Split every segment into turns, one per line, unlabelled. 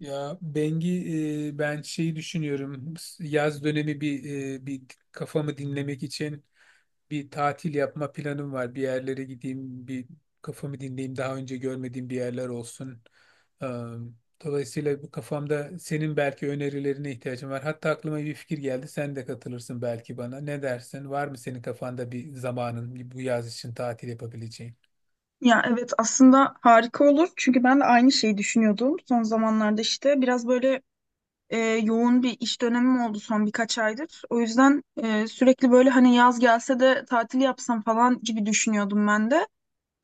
Ya Bengi, ben şeyi düşünüyorum. Yaz dönemi bir kafamı dinlemek için bir tatil yapma planım var. Bir yerlere gideyim, bir kafamı dinleyeyim. Daha önce görmediğim bir yerler olsun. Ee, Dolayısıyla bu kafamda senin belki önerilerine ihtiyacım var. Hatta aklıma bir fikir geldi. Sen de katılırsın belki bana. Ne dersin? Var mı senin kafanda bir zamanın bu yaz için tatil yapabileceğin?
Ya evet, aslında harika olur çünkü ben de aynı şeyi düşünüyordum son zamanlarda. İşte biraz böyle yoğun bir iş dönemim oldu son birkaç aydır. O yüzden sürekli böyle hani yaz gelse de tatil yapsam falan gibi düşünüyordum ben de.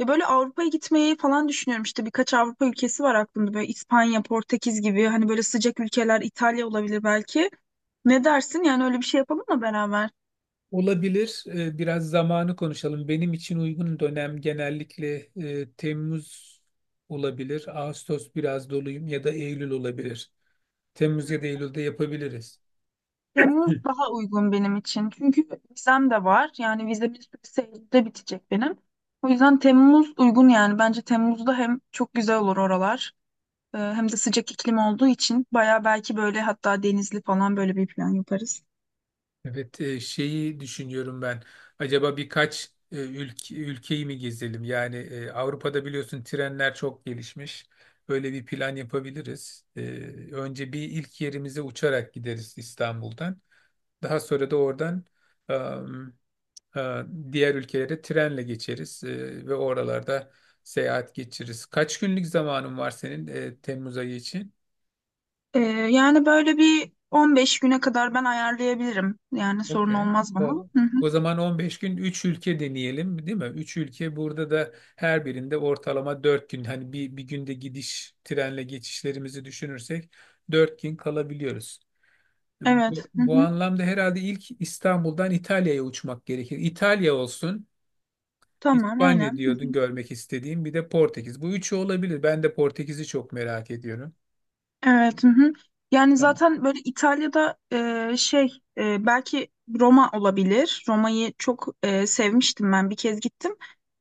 Ve böyle Avrupa'ya gitmeyi falan düşünüyorum. İşte birkaç Avrupa ülkesi var aklımda, böyle İspanya, Portekiz gibi, hani böyle sıcak ülkeler. İtalya olabilir belki. Ne dersin, yani öyle bir şey yapalım mı beraber?
Olabilir. Biraz zamanı konuşalım. Benim için uygun dönem genellikle Temmuz olabilir. Ağustos biraz doluyum ya da Eylül olabilir. Temmuz ya da Eylül'de yapabiliriz. Hı.
Temmuz daha uygun benim için. Çünkü vizem de var. Yani vizemin süresi Eylül'de bitecek benim. O yüzden Temmuz uygun yani. Bence Temmuz'da hem çok güzel olur oralar. Hem de sıcak iklim olduğu için baya, belki böyle hatta denizli falan, böyle bir plan yaparız.
Evet, şeyi düşünüyorum ben. Acaba birkaç ülkeyi mi gezelim? Yani Avrupa'da biliyorsun trenler çok gelişmiş. Böyle bir plan yapabiliriz. Önce bir ilk yerimize uçarak gideriz İstanbul'dan. Daha sonra da oradan e, diğer ülkelere trenle geçeriz ve oralarda seyahat geçiririz. Kaç günlük zamanın var senin Temmuz ayı için?
E, Yani böyle bir 15 güne kadar ben ayarlayabilirim. Yani sorun
Okey.
olmaz bana.
O,
Hı hı.
o zaman 15 gün 3 ülke deneyelim, değil mi? 3 ülke burada da her birinde ortalama 4 gün, hani bir günde gidiş trenle geçişlerimizi düşünürsek 4 gün kalabiliyoruz.
Evet.
Bu,
Hı
bu
hı.
anlamda herhalde ilk İstanbul'dan İtalya'ya uçmak gerekir. İtalya olsun.
Tamam,
İspanya
aynen.
diyordun görmek istediğim. Bir de Portekiz. Bu üçü olabilir. Ben de Portekiz'i çok merak ediyorum.
Evet. Hı hı. Yani
Tamam.
zaten böyle İtalya'da, e, şey belki Roma olabilir. Roma'yı çok sevmiştim, ben bir kez gittim.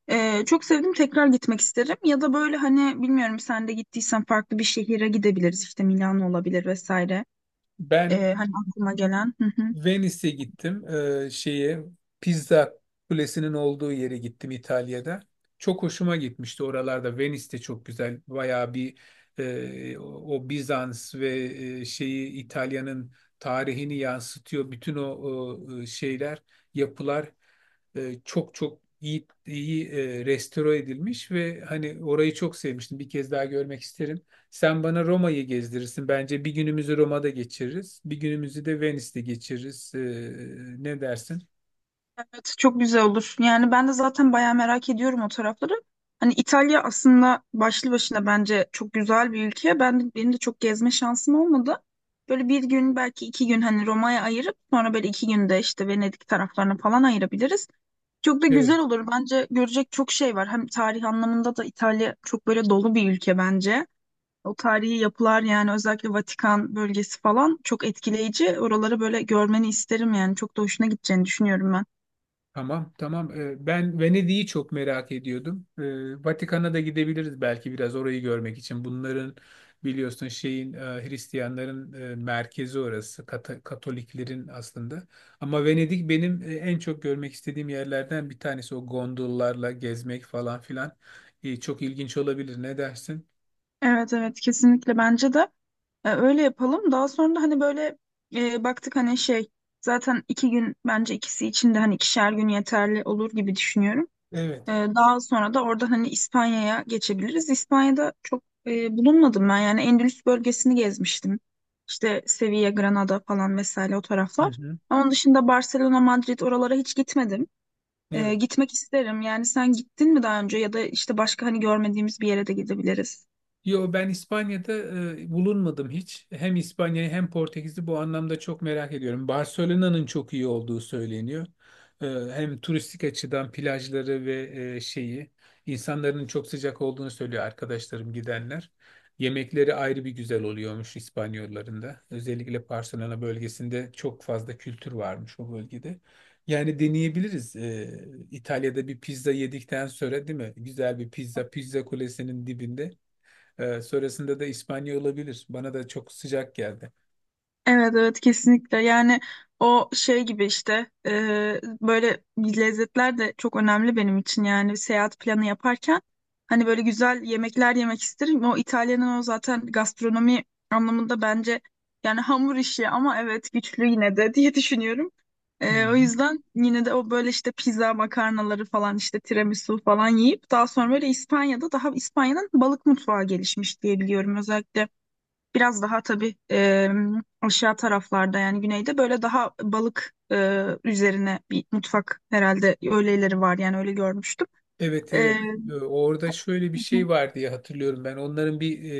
Çok sevdim, tekrar gitmek isterim. Ya da böyle hani, bilmiyorum, sen de gittiysen farklı bir şehire gidebiliriz. İşte Milano olabilir vesaire.
Ben
Hani aklıma gelen. Hı hı.
Venice'e gittim. Şeye Pizza Kulesi'nin olduğu yere gittim İtalya'da. Çok hoşuma gitmişti oralarda. Venice de çok güzel. Bayağı bir e, o o Bizans ve e, şeyi İtalya'nın tarihini yansıtıyor. Bütün o yapılar, çok çok iyi iyi, restore edilmiş ve hani orayı çok sevmiştim. Bir kez daha görmek isterim. Sen bana Roma'yı gezdirirsin. Bence bir günümüzü Roma'da geçiririz. Bir günümüzü de Venice'de geçiririz. Ne dersin?
Evet, çok güzel olur. Yani ben de zaten bayağı merak ediyorum o tarafları. Hani İtalya aslında başlı başına bence çok güzel bir ülke. Benim de çok gezme şansım olmadı. Böyle bir gün, belki iki gün hani Roma'ya ayırıp sonra böyle iki günde işte Venedik taraflarına falan ayırabiliriz. Çok da güzel
Evet.
olur. Bence görecek çok şey var. Hem tarih anlamında da İtalya çok böyle dolu bir ülke bence. O tarihi yapılar, yani özellikle Vatikan bölgesi falan çok etkileyici. Oraları böyle görmeni isterim yani. Çok da hoşuna gideceğini düşünüyorum ben.
Tamam, tamam. Ben Venedik'i çok merak ediyordum. Vatikan'a da gidebiliriz belki biraz orayı görmek için. Bunların biliyorsun Hristiyanların merkezi orası. Katoliklerin aslında. Ama Venedik benim en çok görmek istediğim yerlerden bir tanesi. O gondollarla gezmek falan filan. Çok ilginç olabilir. Ne dersin?
Evet evet, kesinlikle bence de öyle yapalım. Daha sonra da hani böyle baktık hani şey, zaten iki gün bence ikisi için de, hani ikişer gün yeterli olur gibi düşünüyorum.
Evet.
Daha sonra da orada hani İspanya'ya geçebiliriz. İspanya'da çok bulunmadım ben, yani Endülüs bölgesini gezmiştim. İşte Sevilla, Granada falan vesaire, o
Hı
taraflar.
hı.
Onun dışında Barcelona, Madrid, oralara hiç gitmedim.
Evet.
Gitmek isterim. Yani sen gittin mi daha önce, ya da işte başka hani görmediğimiz bir yere de gidebiliriz.
Yo, ben İspanya'da bulunmadım hiç. Hem İspanya'yı hem Portekiz'i bu anlamda çok merak ediyorum. Barcelona'nın çok iyi olduğu söyleniyor. E, hem turistik açıdan plajları ve e, şeyi insanların çok sıcak olduğunu söylüyor arkadaşlarım gidenler. Yemekleri ayrı bir güzel oluyormuş İspanyolların da. Özellikle Barcelona bölgesinde çok fazla kültür varmış o bölgede. Yani deneyebiliriz. İtalya'da bir pizza yedikten sonra, değil mi? Güzel bir pizza, pizza kulesinin dibinde. Sonrasında da İspanya olabilir. Bana da çok sıcak geldi.
Evet evet, kesinlikle yani. O şey gibi işte e, Böyle lezzetler de çok önemli benim için, yani seyahat planı yaparken hani böyle güzel yemekler yemek isterim. O İtalya'nın, o zaten gastronomi anlamında bence, yani hamur işi ama evet güçlü yine de diye düşünüyorum.
Hı
O
hı.
yüzden yine de o böyle işte pizza makarnaları falan, işte tiramisu falan yiyip daha sonra böyle İspanya'da, daha İspanya'nın balık mutfağı gelişmiş diye biliyorum özellikle. Biraz daha tabii aşağı taraflarda, yani güneyde, böyle daha balık üzerine bir mutfak herhalde, öyleleri var yani, öyle görmüştüm.
Evet,
E,
evet. Orada şöyle bir şey var diye hatırlıyorum ben. Onların bir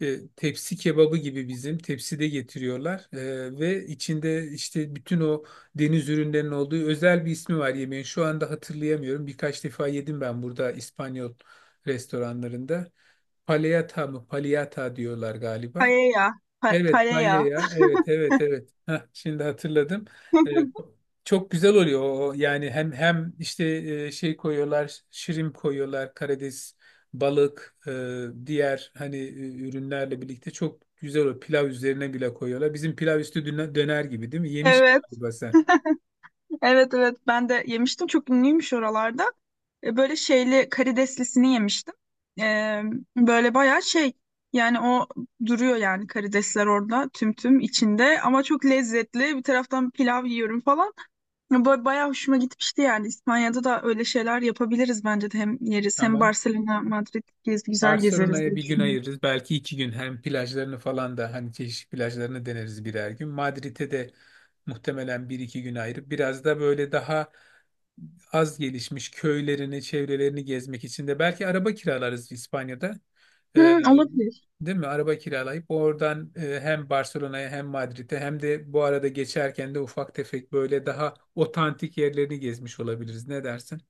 tepsi kebabı gibi bizim tepside getiriyorlar. Ve içinde işte bütün o deniz ürünlerinin olduğu özel bir ismi var yemeğin. Şu anda hatırlayamıyorum. Birkaç defa yedim ben burada İspanyol restoranlarında. Paleyata mı? Paleyata diyorlar galiba.
Paella,
Evet,
paella.
ya. Evet, evet, evet. Heh, şimdi hatırladım. Ee, çok güzel oluyor o. Yani hem işte, şirin koyuyorlar, karides, balık, diğer hani ürünlerle birlikte çok güzel, o pilav üzerine bile koyuyorlar. Bizim pilav üstü döner döner gibi, değil mi? Yemiş
Evet,
galiba sen.
evet, evet. Ben de yemiştim. Çok ünlüymüş oralarda. Böyle şeyli karideslisini yemiştim. E, Böyle bayağı şey, yani o duruyor yani, karidesler orada tüm içinde ama çok lezzetli. Bir taraftan pilav yiyorum falan. Bayağı hoşuma gitmişti yani. İspanya'da da öyle şeyler yapabiliriz bence de. Hem yeriz, hem
Tamam.
Barcelona, Madrid gez, güzel gezeriz
Barcelona'ya
diye
bir gün
düşünüyorum.
ayırırız. Belki iki gün, hem plajlarını falan da hani çeşitli plajlarını deneriz birer gün. Madrid'e de muhtemelen bir iki gün ayırıp biraz da böyle daha az gelişmiş köylerini, çevrelerini gezmek için de belki araba kiralarız İspanya'da. Ee,
Hı, olabilir.
değil mi? Araba kiralayıp oradan hem Barcelona'ya hem Madrid'e hem de bu arada geçerken de ufak tefek böyle daha otantik yerlerini gezmiş olabiliriz. Ne dersin?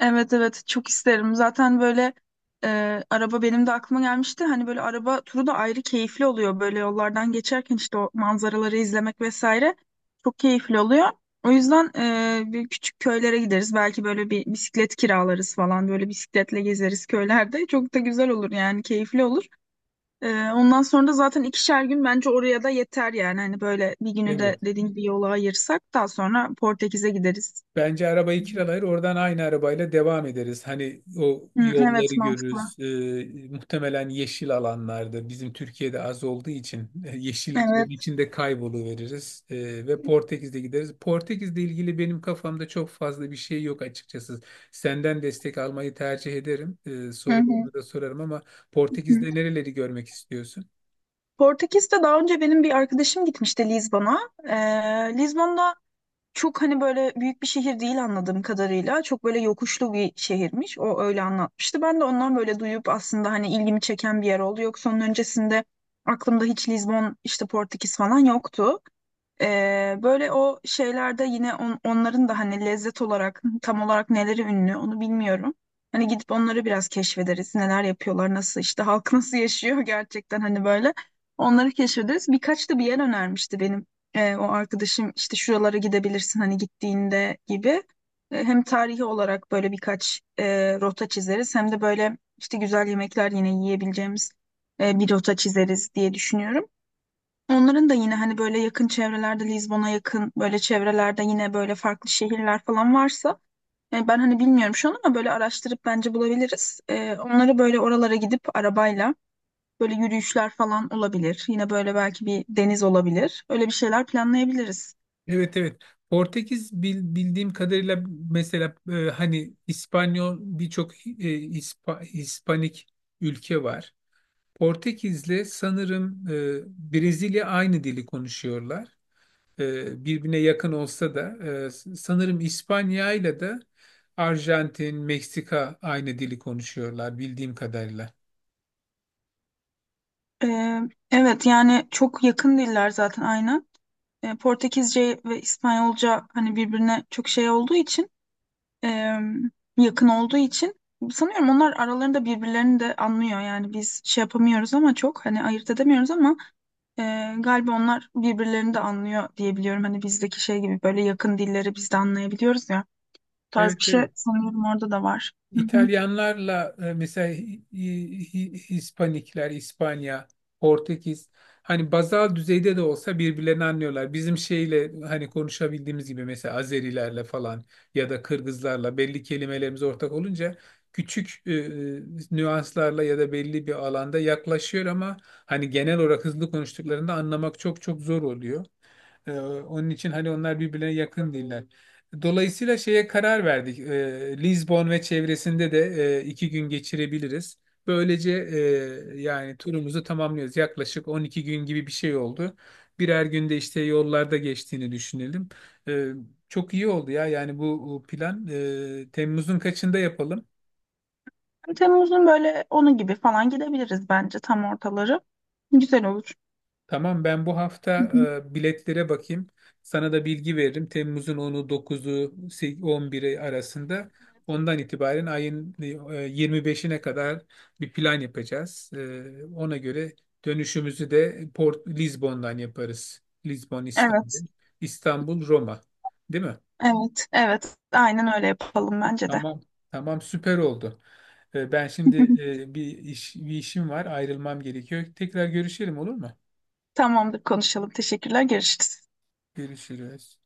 Evet evet, çok isterim. Zaten böyle araba benim de aklıma gelmişti. Hani böyle araba turu da ayrı keyifli oluyor. Böyle yollardan geçerken işte o manzaraları izlemek vesaire, çok keyifli oluyor. O yüzden bir küçük köylere gideriz. Belki böyle bir bisiklet kiralarız falan. Böyle bisikletle gezeriz köylerde. Çok da güzel olur yani, keyifli olur. Ondan sonra da zaten ikişer gün bence oraya da yeter yani. Hani böyle bir günü de
Evet.
dediğin gibi yola ayırsak, daha sonra Portekiz'e gideriz.
Bence arabayı kiralayır, oradan aynı arabayla devam ederiz. Hani o
Hı,
yolları
evet mantıklı.
görürüz. Muhtemelen yeşil alanlarda bizim Türkiye'de az olduğu için yeşilliklerin
Evet.
içinde kayboluveririz. Ve Portekiz'de gideriz. Portekiz'le ilgili benim kafamda çok fazla bir şey yok açıkçası. Senden destek almayı tercih ederim. Ee,
Hı hı.
sorularımı da sorarım ama
Hı.
Portekiz'de nereleri görmek istiyorsun?
Portekiz'de daha önce benim bir arkadaşım gitmişti Lizbon'a. Lizbon'da çok hani böyle büyük bir şehir değil anladığım kadarıyla. Çok böyle yokuşlu bir şehirmiş. O öyle anlatmıştı. Ben de ondan böyle duyup aslında hani ilgimi çeken bir yer oldu. Yoksa onun öncesinde aklımda hiç Lizbon, işte Portekiz falan yoktu. Böyle o şeylerde yine onların da hani lezzet olarak tam olarak neleri ünlü onu bilmiyorum. Hani gidip onları biraz keşfederiz. Neler yapıyorlar, nasıl işte, halk nasıl yaşıyor gerçekten, hani böyle. Onları keşfederiz. Birkaç da bir yer önermişti benim o arkadaşım, işte şuralara gidebilirsin hani gittiğinde gibi. Hem tarihi olarak böyle birkaç rota çizeriz, hem de böyle işte güzel yemekler yine yiyebileceğimiz bir rota çizeriz diye düşünüyorum. Onların da yine hani böyle yakın çevrelerde, Lizbon'a yakın böyle çevrelerde yine böyle farklı şehirler falan varsa ben hani bilmiyorum şu an, ama böyle araştırıp bence bulabiliriz. Onları böyle, oralara gidip arabayla böyle yürüyüşler falan olabilir. Yine böyle belki bir deniz olabilir. Öyle bir şeyler planlayabiliriz.
Evet, evet. Portekiz bildiğim kadarıyla, mesela hani İspanyol, birçok İspanik ülke var. Portekiz'le sanırım Brezilya aynı dili konuşuyorlar. Birbirine yakın olsa da sanırım İspanya'yla da Arjantin, Meksika aynı dili konuşuyorlar bildiğim kadarıyla.
E, evet, yani çok yakın diller zaten, aynen. Portekizce ve İspanyolca hani birbirine çok şey olduğu için, e, yakın olduğu için sanıyorum onlar aralarında birbirlerini de anlıyor. Yani biz şey yapamıyoruz, ama çok hani ayırt edemiyoruz, ama e, galiba onlar birbirlerini de anlıyor diyebiliyorum. Hani bizdeki şey gibi, böyle yakın dilleri biz de anlayabiliyoruz ya. Bu tarz
Evet,
bir şey
evet.
sanıyorum orada da var. Hı hı.
İtalyanlarla mesela Hispanikler, İspanya, Portekiz hani bazal düzeyde de olsa birbirlerini anlıyorlar. Bizim şeyle hani konuşabildiğimiz gibi mesela Azerilerle falan ya da Kırgızlarla belli kelimelerimiz ortak olunca küçük nüanslarla ya da belli bir alanda yaklaşıyor, ama hani genel olarak hızlı konuştuklarında anlamak çok çok zor oluyor. Onun için hani onlar birbirlerine yakın değiller. Dolayısıyla şeye karar verdik. Lizbon ve çevresinde de iki gün geçirebiliriz. Böylece, yani turumuzu tamamlıyoruz. Yaklaşık 12 gün gibi bir şey oldu. Birer günde işte yollarda geçtiğini düşünelim. Ee, çok iyi oldu ya. Yani bu plan, Temmuz'un kaçında yapalım?
Hani Temmuz'un böyle onu gibi falan gidebiliriz bence, tam ortaları. Güzel olur.
Tamam, ben bu hafta
Hı hı.
biletlere bakayım. Sana da bilgi veririm. Temmuz'un 10'u, 11'i arasında. Ondan itibaren ayın 25'ine kadar bir plan yapacağız. Ona göre dönüşümüzü de Port Lizbon'dan yaparız. Lizbon,
Evet,
İstanbul. İstanbul, Roma. Değil mi?
evet, evet. Aynen öyle yapalım bence de.
Tamam. Tamam, süper oldu. Ben şimdi bir işim var. Ayrılmam gerekiyor. Tekrar görüşelim, olur mu?
Tamamdır, konuşalım. Teşekkürler. Görüşürüz.
Görüşürüz.